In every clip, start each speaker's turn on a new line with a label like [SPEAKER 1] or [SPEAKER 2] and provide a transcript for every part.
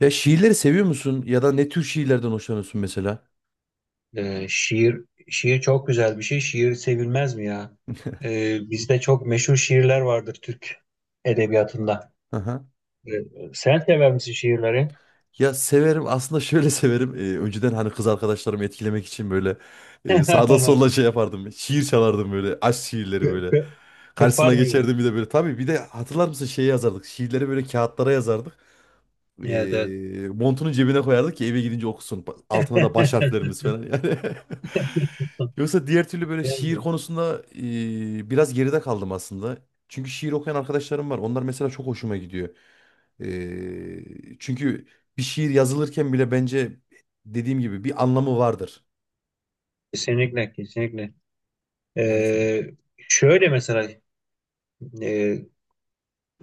[SPEAKER 1] Ya şiirleri seviyor musun? Ya da ne tür şiirlerden hoşlanıyorsun mesela?
[SPEAKER 2] Ee, şiir şiir çok güzel bir şey. Şiir sevilmez mi ya? Bizde çok meşhur şiirler vardır Türk edebiyatında.
[SPEAKER 1] Aha.
[SPEAKER 2] Ee, Sen sever misin şiirleri?
[SPEAKER 1] Ya severim aslında, şöyle severim. Önceden hani kız arkadaşlarımı etkilemek için böyle sağda
[SPEAKER 2] Kı-
[SPEAKER 1] solda şey yapardım. Şiir çalardım böyle, aşk şiirleri böyle.
[SPEAKER 2] kı- Kırpar
[SPEAKER 1] Karşısına
[SPEAKER 2] mıydın?
[SPEAKER 1] geçerdim bir de böyle. Tabii bir de hatırlar mısın, şey yazardık. Şiirleri böyle kağıtlara yazardık.
[SPEAKER 2] Evet, evet.
[SPEAKER 1] Montunun cebine koyardık ki eve gidince okusun. Altına da baş harflerimiz falan yani. Yoksa diğer türlü böyle şiir konusunda biraz geride kaldım aslında. Çünkü şiir okuyan arkadaşlarım var. Onlar mesela çok hoşuma gidiyor. Çünkü bir şiir yazılırken bile bence dediğim gibi bir anlamı vardır.
[SPEAKER 2] Kesinlikle, kesinlikle.
[SPEAKER 1] Yani.
[SPEAKER 2] Ee, Şöyle mesela, e,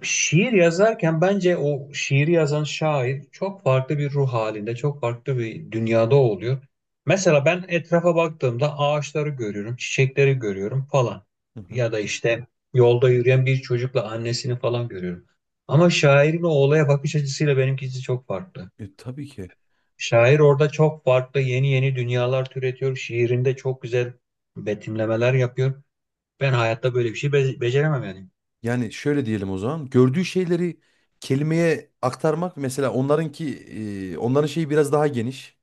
[SPEAKER 2] şiir yazarken bence o şiiri yazan şair çok farklı bir ruh halinde, çok farklı bir dünyada oluyor. Mesela ben etrafa baktığımda ağaçları görüyorum, çiçekleri görüyorum falan.
[SPEAKER 1] Hı hı.
[SPEAKER 2] Ya da işte yolda yürüyen bir çocukla annesini falan görüyorum. Ama şairin o olaya bakış açısıyla benimkisi çok farklı.
[SPEAKER 1] Tabii ki.
[SPEAKER 2] Şair orada çok farklı yeni yeni dünyalar türetiyor. Şiirinde çok güzel betimlemeler yapıyor. Ben hayatta böyle bir şey beceremem yani.
[SPEAKER 1] Yani şöyle diyelim o zaman. Gördüğü şeyleri kelimeye aktarmak, mesela onlarınki, onların şeyi biraz daha geniş.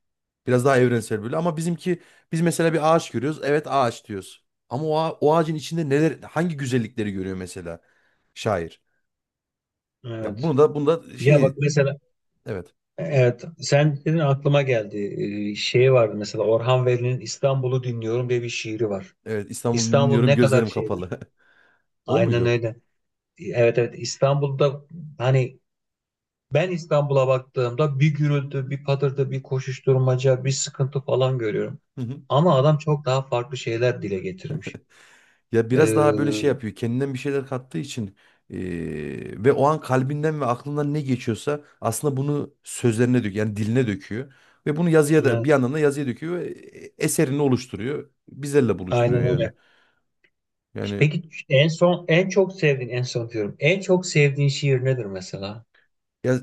[SPEAKER 1] Biraz daha evrensel böyle, ama bizimki, biz mesela bir ağaç görüyoruz. Evet, ağaç diyoruz. Ama o ağacın içinde neler, hangi güzellikleri görüyor mesela şair. Ya bunu
[SPEAKER 2] Evet.
[SPEAKER 1] da bunu da
[SPEAKER 2] Ya bak
[SPEAKER 1] şey,
[SPEAKER 2] mesela,
[SPEAKER 1] evet.
[SPEAKER 2] evet, sen dedin aklıma geldi. Şey vardı mesela, Orhan Veli'nin İstanbul'u dinliyorum diye bir şiiri var.
[SPEAKER 1] Evet, İstanbul'u
[SPEAKER 2] İstanbul
[SPEAKER 1] dinliyorum,
[SPEAKER 2] ne kadar
[SPEAKER 1] gözlerim kapalı.
[SPEAKER 2] şeydir.
[SPEAKER 1] O
[SPEAKER 2] Aynen
[SPEAKER 1] muydu?
[SPEAKER 2] öyle. Evet, evet, İstanbul'da hani ben İstanbul'a baktığımda bir gürültü, bir patırtı, bir koşuşturmaca, bir sıkıntı falan görüyorum. Ama adam çok daha farklı şeyler dile getirmiş.
[SPEAKER 1] Ya
[SPEAKER 2] Ee,
[SPEAKER 1] biraz daha böyle şey yapıyor. Kendinden bir şeyler kattığı için, ve o an kalbinden ve aklından ne geçiyorsa aslında bunu sözlerine döküyor. Yani diline döküyor. Ve bunu yazıya da, bir
[SPEAKER 2] evet,
[SPEAKER 1] yandan da yazıya döküyor ve eserini oluşturuyor. Bizlerle buluşturuyor
[SPEAKER 2] aynen
[SPEAKER 1] yani.
[SPEAKER 2] öyle.
[SPEAKER 1] Yani
[SPEAKER 2] Peki en son en çok sevdiğin, en son diyorum, en çok sevdiğin şiir nedir mesela?
[SPEAKER 1] ya,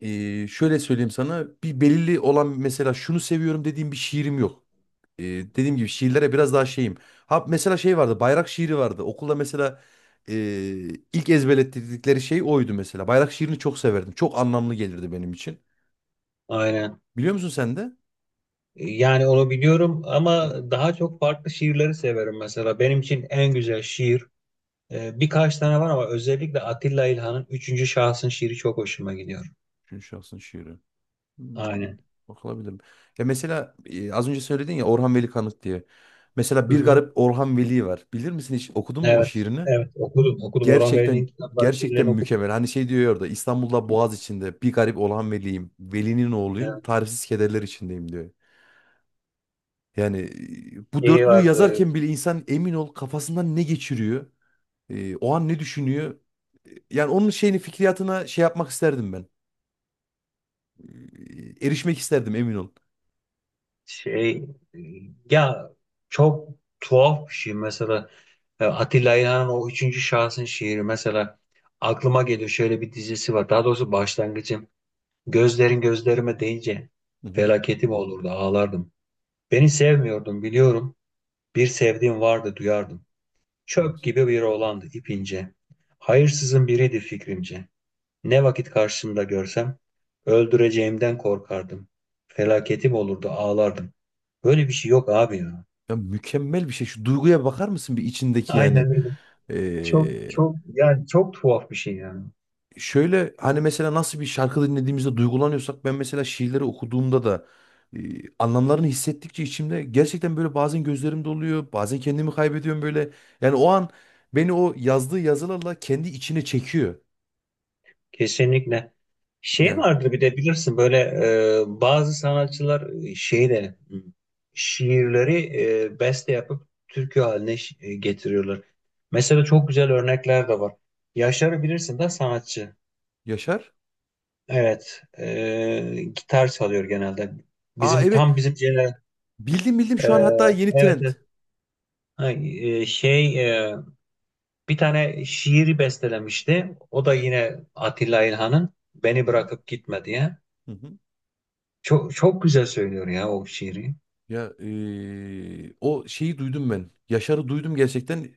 [SPEAKER 1] şöyle söyleyeyim sana, bir belirli olan, mesela şunu seviyorum dediğim bir şiirim yok. Dediğim gibi şiirlere biraz daha şeyim. Ha mesela şey vardı, bayrak şiiri vardı. Okulda mesela e, ilk ezberlettirdikleri şey oydu mesela. Bayrak şiirini çok severdim. Çok anlamlı gelirdi benim için.
[SPEAKER 2] Aynen.
[SPEAKER 1] Biliyor musun sen de? Hı
[SPEAKER 2] Yani onu biliyorum ama
[SPEAKER 1] hı.
[SPEAKER 2] daha çok farklı şiirleri severim mesela. Benim için en güzel şiir, birkaç tane var ama özellikle Atilla İlhan'ın Üçüncü Şahsın şiiri çok hoşuma gidiyor.
[SPEAKER 1] Üçüncü şahsın şiiri. Hmm,
[SPEAKER 2] Aynen.
[SPEAKER 1] Bakılabilir. Ya mesela az önce söyledin ya, Orhan Veli Kanık diye. Mesela
[SPEAKER 2] Hı
[SPEAKER 1] Bir
[SPEAKER 2] hı.
[SPEAKER 1] Garip Orhan Veli var. Bilir misin, hiç okudun mu o
[SPEAKER 2] Evet,
[SPEAKER 1] şiirini?
[SPEAKER 2] evet, okudum, okudum. Orhan
[SPEAKER 1] Gerçekten
[SPEAKER 2] Veli'nin kitaplarını,
[SPEAKER 1] gerçekten
[SPEAKER 2] şiirlerini okudum.
[SPEAKER 1] mükemmel. Hani şey diyor ya orada, İstanbul'da Boğaz içinde bir garip Orhan Veli'yim. Veli'nin
[SPEAKER 2] Yani
[SPEAKER 1] oğluyum. Tarifsiz kederler içindeyim diyor. Yani bu
[SPEAKER 2] şey
[SPEAKER 1] dörtlüyü
[SPEAKER 2] vardı,
[SPEAKER 1] yazarken bile insan, emin ol kafasından ne geçiriyor, o an ne düşünüyor. Yani onun şeyini, fikriyatına şey yapmak isterdim ben. Erişmek isterdim emin ol.
[SPEAKER 2] şey, e, ya, çok tuhaf bir şey mesela. E, Atilla İlhan'ın o üçüncü şahsın şiiri mesela aklıma geliyor. Şöyle bir dizisi var. Daha doğrusu başlangıcım. Gözlerin gözlerime değince
[SPEAKER 1] Hı hı.
[SPEAKER 2] felaketim olurdu, ağlardım. Beni sevmiyordum biliyorum. Bir sevdiğim vardı duyardım. Çöp
[SPEAKER 1] Evet.
[SPEAKER 2] gibi bir oğlandı ipince. Hayırsızın biriydi fikrimce. Ne vakit karşımda görsem öldüreceğimden korkardım. Felaketim olurdu, ağlardım. Böyle bir şey yok abi ya.
[SPEAKER 1] Ya mükemmel bir şey. Şu duyguya bakar mısın bir, içindeki
[SPEAKER 2] Aynen
[SPEAKER 1] yani?
[SPEAKER 2] öyle. Çok
[SPEAKER 1] Ee,
[SPEAKER 2] çok, yani çok tuhaf bir şey yani.
[SPEAKER 1] Şöyle hani, mesela nasıl bir şarkı dinlediğimizde duygulanıyorsak, ben mesela şiirleri okuduğumda da e, anlamlarını hissettikçe içimde, gerçekten böyle bazen gözlerim doluyor, bazen kendimi kaybediyorum böyle. Yani o an beni o yazdığı yazılarla kendi içine çekiyor.
[SPEAKER 2] Kesinlikle. Şey
[SPEAKER 1] Yani.
[SPEAKER 2] vardır bir de bilirsin böyle, bazı sanatçılar şeyle hı, şiirleri beste yapıp türkü haline getiriyorlar. Mesela çok güzel örnekler de var. Yaşar'ı bilirsin de sanatçı.
[SPEAKER 1] Yaşar.
[SPEAKER 2] Evet, gitar çalıyor genelde.
[SPEAKER 1] Aa,
[SPEAKER 2] Bizim
[SPEAKER 1] evet,
[SPEAKER 2] tam bizim jener,
[SPEAKER 1] bildim bildim
[SPEAKER 2] e,
[SPEAKER 1] şu an, hatta yeni
[SPEAKER 2] evet,
[SPEAKER 1] trend.
[SPEAKER 2] evet. Ha, e, şey e, bir tane şiiri bestelemişti. O da yine Atilla İlhan'ın
[SPEAKER 1] Hı
[SPEAKER 2] Beni
[SPEAKER 1] hı.
[SPEAKER 2] Bırakıp Gitme diye.
[SPEAKER 1] Hı hı.
[SPEAKER 2] Çok çok güzel söylüyor ya o şiiri.
[SPEAKER 1] Ya o şeyi duydum ben. Yaşar'ı duydum, gerçekten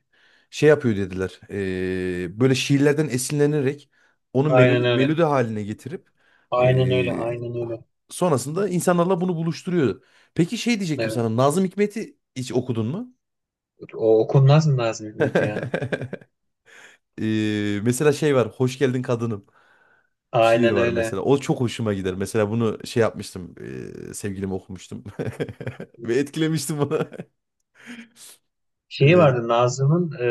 [SPEAKER 1] şey yapıyor dediler. Böyle şiirlerden esinlenerek onu
[SPEAKER 2] Aynen
[SPEAKER 1] melodi,
[SPEAKER 2] öyle.
[SPEAKER 1] melodi haline getirip
[SPEAKER 2] Aynen öyle.
[SPEAKER 1] eee,
[SPEAKER 2] Aynen öyle.
[SPEAKER 1] sonrasında insanlarla bunu buluşturuyor. Peki şey diyecektim
[SPEAKER 2] Evet.
[SPEAKER 1] sana. Nazım Hikmet'i hiç okudun mu?
[SPEAKER 2] O okunmaz mı Nazım Hikmet ya?
[SPEAKER 1] Mesela şey var. Hoş Geldin Kadınım. Şiir
[SPEAKER 2] Aynen
[SPEAKER 1] var
[SPEAKER 2] öyle.
[SPEAKER 1] mesela. O çok hoşuma gider. Mesela bunu şey yapmıştım. Sevgilime okumuştum. Ve etkilemiştim bunu.
[SPEAKER 2] Şeyi
[SPEAKER 1] Ee,
[SPEAKER 2] vardı Nazım'ın,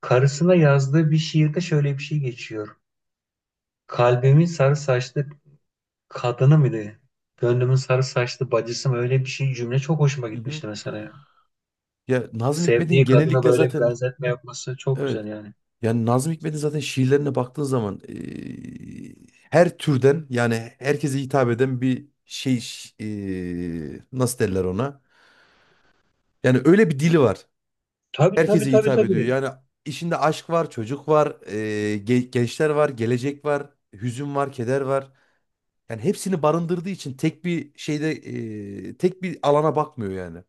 [SPEAKER 2] karısına yazdığı bir şiirde şöyle bir şey geçiyor. Kalbimin sarı saçlı kadını mıydı? Gönlümün sarı saçlı bacısı mı? Öyle bir şey cümle çok hoşuma
[SPEAKER 1] Hı hı.
[SPEAKER 2] gitmişti mesela ya.
[SPEAKER 1] Ya Nazım Hikmet'in
[SPEAKER 2] Sevdiği kadına
[SPEAKER 1] genellikle
[SPEAKER 2] böyle bir
[SPEAKER 1] zaten,
[SPEAKER 2] benzetme yapması çok
[SPEAKER 1] evet.
[SPEAKER 2] güzel yani.
[SPEAKER 1] Yani Nazım Hikmet'in zaten şiirlerine baktığın zaman her türden, yani herkese hitap eden bir şey, nasıl derler ona? Yani öyle bir dili var.
[SPEAKER 2] Tabii, tabii,
[SPEAKER 1] Herkese
[SPEAKER 2] tabii,
[SPEAKER 1] hitap ediyor.
[SPEAKER 2] tabii.
[SPEAKER 1] Yani işinde aşk var, çocuk var, gençler var, gelecek var, hüzün var, keder var. Yani hepsini barındırdığı için, tek bir şeyde tek bir alana bakmıyor yani.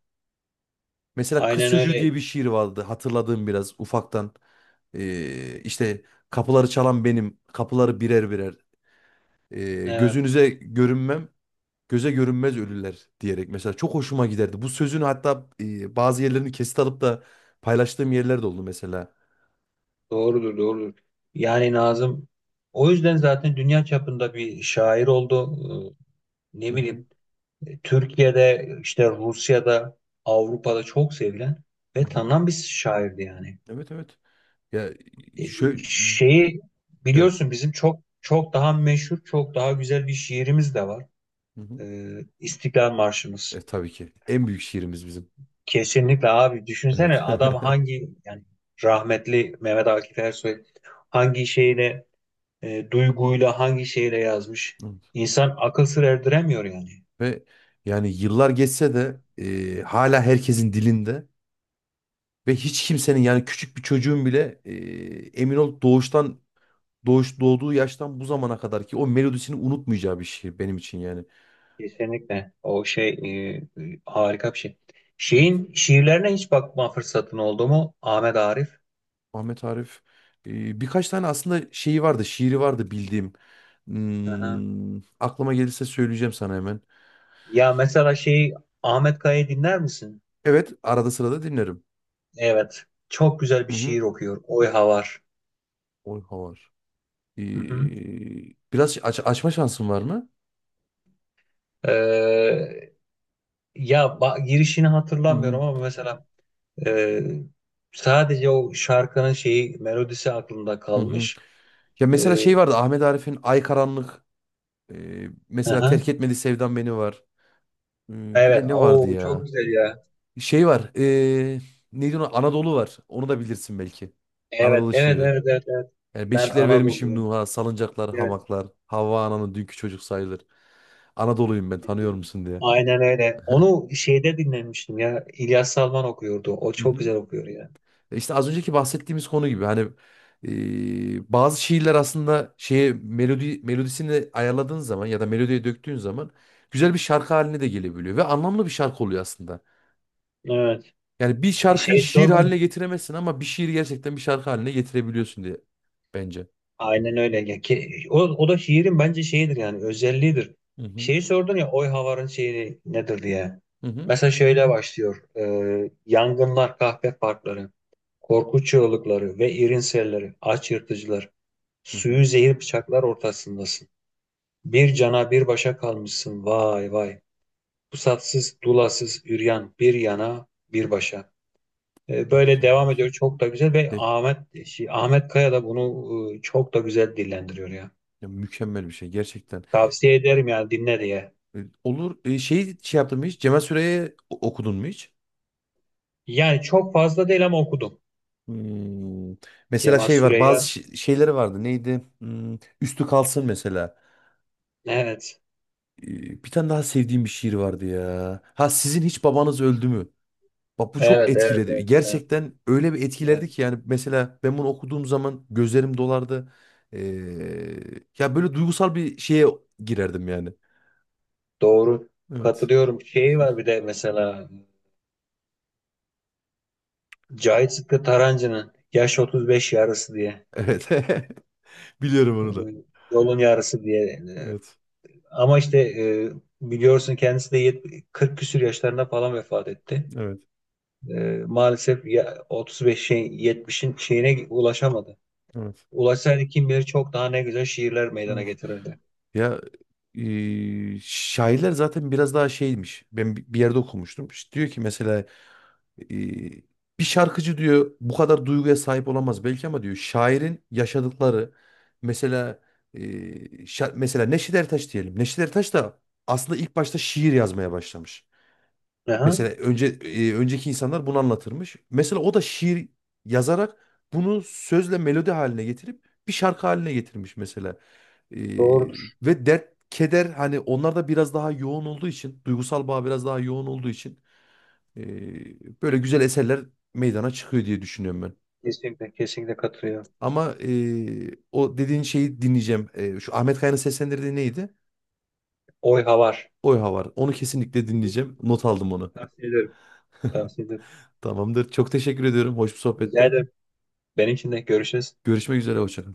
[SPEAKER 1] Mesela Kız
[SPEAKER 2] Aynen
[SPEAKER 1] Çocuğu
[SPEAKER 2] öyle.
[SPEAKER 1] diye bir şiir vardı hatırladığım, biraz ufaktan. İşte kapıları çalan benim, kapıları birer birer.
[SPEAKER 2] Evet.
[SPEAKER 1] Gözünüze görünmem, göze görünmez ölüler diyerek mesela çok hoşuma giderdi. Bu sözün hatta bazı yerlerini kesit alıp da paylaştığım yerler de oldu mesela.
[SPEAKER 2] Doğrudur, doğrudur. Yani Nazım o yüzden zaten dünya çapında bir şair oldu.
[SPEAKER 1] Hı
[SPEAKER 2] Ne
[SPEAKER 1] hı,
[SPEAKER 2] bileyim, Türkiye'de işte, Rusya'da, Avrupa'da çok sevilen
[SPEAKER 1] hı
[SPEAKER 2] ve
[SPEAKER 1] hı.
[SPEAKER 2] tanınan bir şairdi yani.
[SPEAKER 1] Evet, evet. Ya
[SPEAKER 2] E,
[SPEAKER 1] şöyle,
[SPEAKER 2] şeyi
[SPEAKER 1] evet.
[SPEAKER 2] biliyorsun, bizim çok çok daha meşhur, çok daha güzel bir şiirimiz de var.
[SPEAKER 1] Hı hı.
[SPEAKER 2] E, İstiklal Marşımız.
[SPEAKER 1] Tabii ki. En büyük şiirimiz bizim.
[SPEAKER 2] Kesinlikle abi, düşünsene
[SPEAKER 1] Evet.
[SPEAKER 2] adam hangi yani, rahmetli Mehmet Akif Ersoy hangi şeyle, duyguyla, hangi şeyle yazmış.
[SPEAKER 1] Evet.
[SPEAKER 2] İnsan akıl sır erdiremiyor yani.
[SPEAKER 1] Ve yani yıllar geçse de hala herkesin dilinde, ve hiç kimsenin, yani küçük bir çocuğun bile emin ol doğuştan, doğduğu yaştan bu zamana kadar ki o melodisini unutmayacağı bir şiir benim için yani.
[SPEAKER 2] Kesinlikle. O şey e, e, Harika bir şey.
[SPEAKER 1] Evet.
[SPEAKER 2] Şeyin şiirlerine hiç bakma fırsatın oldu mu? Ahmet Arif.
[SPEAKER 1] Ahmet Arif, birkaç tane aslında şeyi vardı, şiiri vardı bildiğim.
[SPEAKER 2] Hı.
[SPEAKER 1] Aklıma gelirse söyleyeceğim sana hemen.
[SPEAKER 2] Ya mesela şey, Ahmet Kaya'yı dinler misin?
[SPEAKER 1] Evet, arada sırada dinlerim.
[SPEAKER 2] Evet. Çok güzel
[SPEAKER 1] Hı
[SPEAKER 2] bir
[SPEAKER 1] hı.
[SPEAKER 2] şiir okuyor. Oyha var.
[SPEAKER 1] Oy havar. E,
[SPEAKER 2] Hı hı.
[SPEAKER 1] Biraz açma şansın var mı?
[SPEAKER 2] Ee, Ya, girişini
[SPEAKER 1] Hı hı.
[SPEAKER 2] hatırlamıyorum ama mesela, e, sadece o şarkının şeyi melodisi aklımda
[SPEAKER 1] Hı hı.
[SPEAKER 2] kalmış.
[SPEAKER 1] Ya mesela
[SPEAKER 2] Ee,
[SPEAKER 1] şey vardı, Ahmet Arif'in Ay Karanlık.
[SPEAKER 2] hı
[SPEAKER 1] Mesela
[SPEAKER 2] hı.
[SPEAKER 1] Terk Etmedi Sevdam Beni var. Bir
[SPEAKER 2] Evet.
[SPEAKER 1] de ne vardı
[SPEAKER 2] O çok
[SPEAKER 1] ya?
[SPEAKER 2] güzel ya.
[SPEAKER 1] Şey var. Neydi ona? Anadolu var. Onu da bilirsin belki.
[SPEAKER 2] Evet,
[SPEAKER 1] Anadolu
[SPEAKER 2] evet,
[SPEAKER 1] şiiri.
[SPEAKER 2] evet, evet, evet.
[SPEAKER 1] Yani
[SPEAKER 2] Ben
[SPEAKER 1] beşikler vermişim
[SPEAKER 2] Anadolu'yum.
[SPEAKER 1] Nuh'a. Salıncaklar,
[SPEAKER 2] Evet.
[SPEAKER 1] hamaklar. Havva ananın dünkü çocuk sayılır. Anadolu'yum ben, tanıyor musun diye.
[SPEAKER 2] Aynen öyle. Onu şeyde dinlemiştim ya. İlyas Salman okuyordu. O
[SPEAKER 1] Hı hı.
[SPEAKER 2] çok güzel okuyor ya.
[SPEAKER 1] İşte az önceki bahsettiğimiz konu gibi hani, bazı şiirler aslında şeye, melodisini ayarladığın zaman ya da melodiye döktüğün zaman güzel bir şarkı haline de gelebiliyor ve anlamlı bir şarkı oluyor aslında.
[SPEAKER 2] Evet.
[SPEAKER 1] Yani bir şarkıyı
[SPEAKER 2] Şey
[SPEAKER 1] şiir
[SPEAKER 2] sor.
[SPEAKER 1] haline getiremezsin, ama bir şiiri gerçekten bir şarkı haline getirebiliyorsun diye, bence.
[SPEAKER 2] Aynen öyle. Ya ki, o, o da şiirin bence şeyidir yani, özelliğidir.
[SPEAKER 1] Hı hı.
[SPEAKER 2] Şeyi sordun ya, oy havarın şeyi nedir diye.
[SPEAKER 1] Hı hı.
[SPEAKER 2] Mesela şöyle başlıyor. Yangınlar, kahpe parkları, korku çığlıkları ve irin selleri, aç yırtıcılar,
[SPEAKER 1] Hı hı.
[SPEAKER 2] suyu zehir bıçaklar ortasındasın. Bir cana bir başa kalmışsın vay vay. Pusatsız, dulasız, üryan bir yana, bir başa. Böyle
[SPEAKER 1] Mükemmel
[SPEAKER 2] devam
[SPEAKER 1] bir şey.
[SPEAKER 2] ediyor, çok da güzel ve
[SPEAKER 1] Ya-
[SPEAKER 2] Ahmet, şey, Ahmet Kaya da bunu, çok da güzel dillendiriyor ya.
[SPEAKER 1] Ya mükemmel bir şey gerçekten.
[SPEAKER 2] Tavsiye ederim yani, dinle diye.
[SPEAKER 1] E, Olur. Şey yaptın mı hiç? Cemal Süreya'yı okudun mu hiç?
[SPEAKER 2] Yani çok fazla değil ama okudum.
[SPEAKER 1] Hmm. Mesela
[SPEAKER 2] Cemal
[SPEAKER 1] şey var, bazı
[SPEAKER 2] Süreya.
[SPEAKER 1] şeyleri vardı, neydi, Üstü Kalsın mesela.
[SPEAKER 2] Evet.
[SPEAKER 1] Bir tane daha sevdiğim bir şiir vardı ya, ha sizin hiç babanız öldü mü, bak bu çok
[SPEAKER 2] Evet, evet,
[SPEAKER 1] etkiledi
[SPEAKER 2] evet, evet.
[SPEAKER 1] gerçekten. Öyle bir etkilerdi
[SPEAKER 2] Evet.
[SPEAKER 1] ki yani, mesela ben bunu okuduğum zaman gözlerim dolardı. Ee, Ya böyle duygusal bir şeye girerdim yani,
[SPEAKER 2] Doğru.
[SPEAKER 1] evet,
[SPEAKER 2] Katılıyorum. Şeyi var bir de mesela, Cahit Sıtkı Tarancı'nın Yaş 35 Yarısı diye.
[SPEAKER 1] evet. Biliyorum
[SPEAKER 2] Ee,
[SPEAKER 1] onu da.
[SPEAKER 2] Yolun Yarısı diye.
[SPEAKER 1] Evet,
[SPEAKER 2] Ama işte, biliyorsun kendisi de 40 küsür yaşlarında falan vefat etti.
[SPEAKER 1] evet,
[SPEAKER 2] Ee, Maalesef ya, 35'in 70'in şeyine ulaşamadı.
[SPEAKER 1] evet,
[SPEAKER 2] Ulaşsaydı kim bilir çok daha ne güzel şiirler meydana
[SPEAKER 1] evet.
[SPEAKER 2] getirirdi.
[SPEAKER 1] Ya şairler zaten biraz daha şeymiş. Ben bir yerde okumuştum. İşte diyor ki mesela, e, bir şarkıcı diyor bu kadar duyguya sahip olamaz belki, ama diyor şairin yaşadıkları, mesela e, mesela Neşet Ertaş diyelim. Neşet Ertaş da aslında ilk başta şiir yazmaya başlamış.
[SPEAKER 2] Aha.
[SPEAKER 1] Mesela önce önceki insanlar bunu anlatırmış. Mesela o da şiir yazarak bunu sözle melodi haline getirip bir şarkı haline getirmiş mesela. E,
[SPEAKER 2] Doğrudur.
[SPEAKER 1] Ve dert, keder, hani onlar da biraz daha yoğun olduğu için, duygusal bağ biraz daha yoğun olduğu için böyle güzel eserler meydana çıkıyor diye düşünüyorum ben.
[SPEAKER 2] Kesinlikle, kesinlikle katılıyorum.
[SPEAKER 1] Ama o dediğin şeyi dinleyeceğim. Şu Ahmet Kaya'nın seslendirdiği neydi?
[SPEAKER 2] Oy havar.
[SPEAKER 1] Oy Havar. Onu kesinlikle dinleyeceğim. Not aldım onu.
[SPEAKER 2] Tavsiye ederim. Tavsiye ederim.
[SPEAKER 1] Tamamdır. Çok teşekkür ediyorum. Hoş bir
[SPEAKER 2] Rica
[SPEAKER 1] sohbette.
[SPEAKER 2] ederim. Benim için de görüşürüz.
[SPEAKER 1] Görüşmek üzere. Hoşça kal.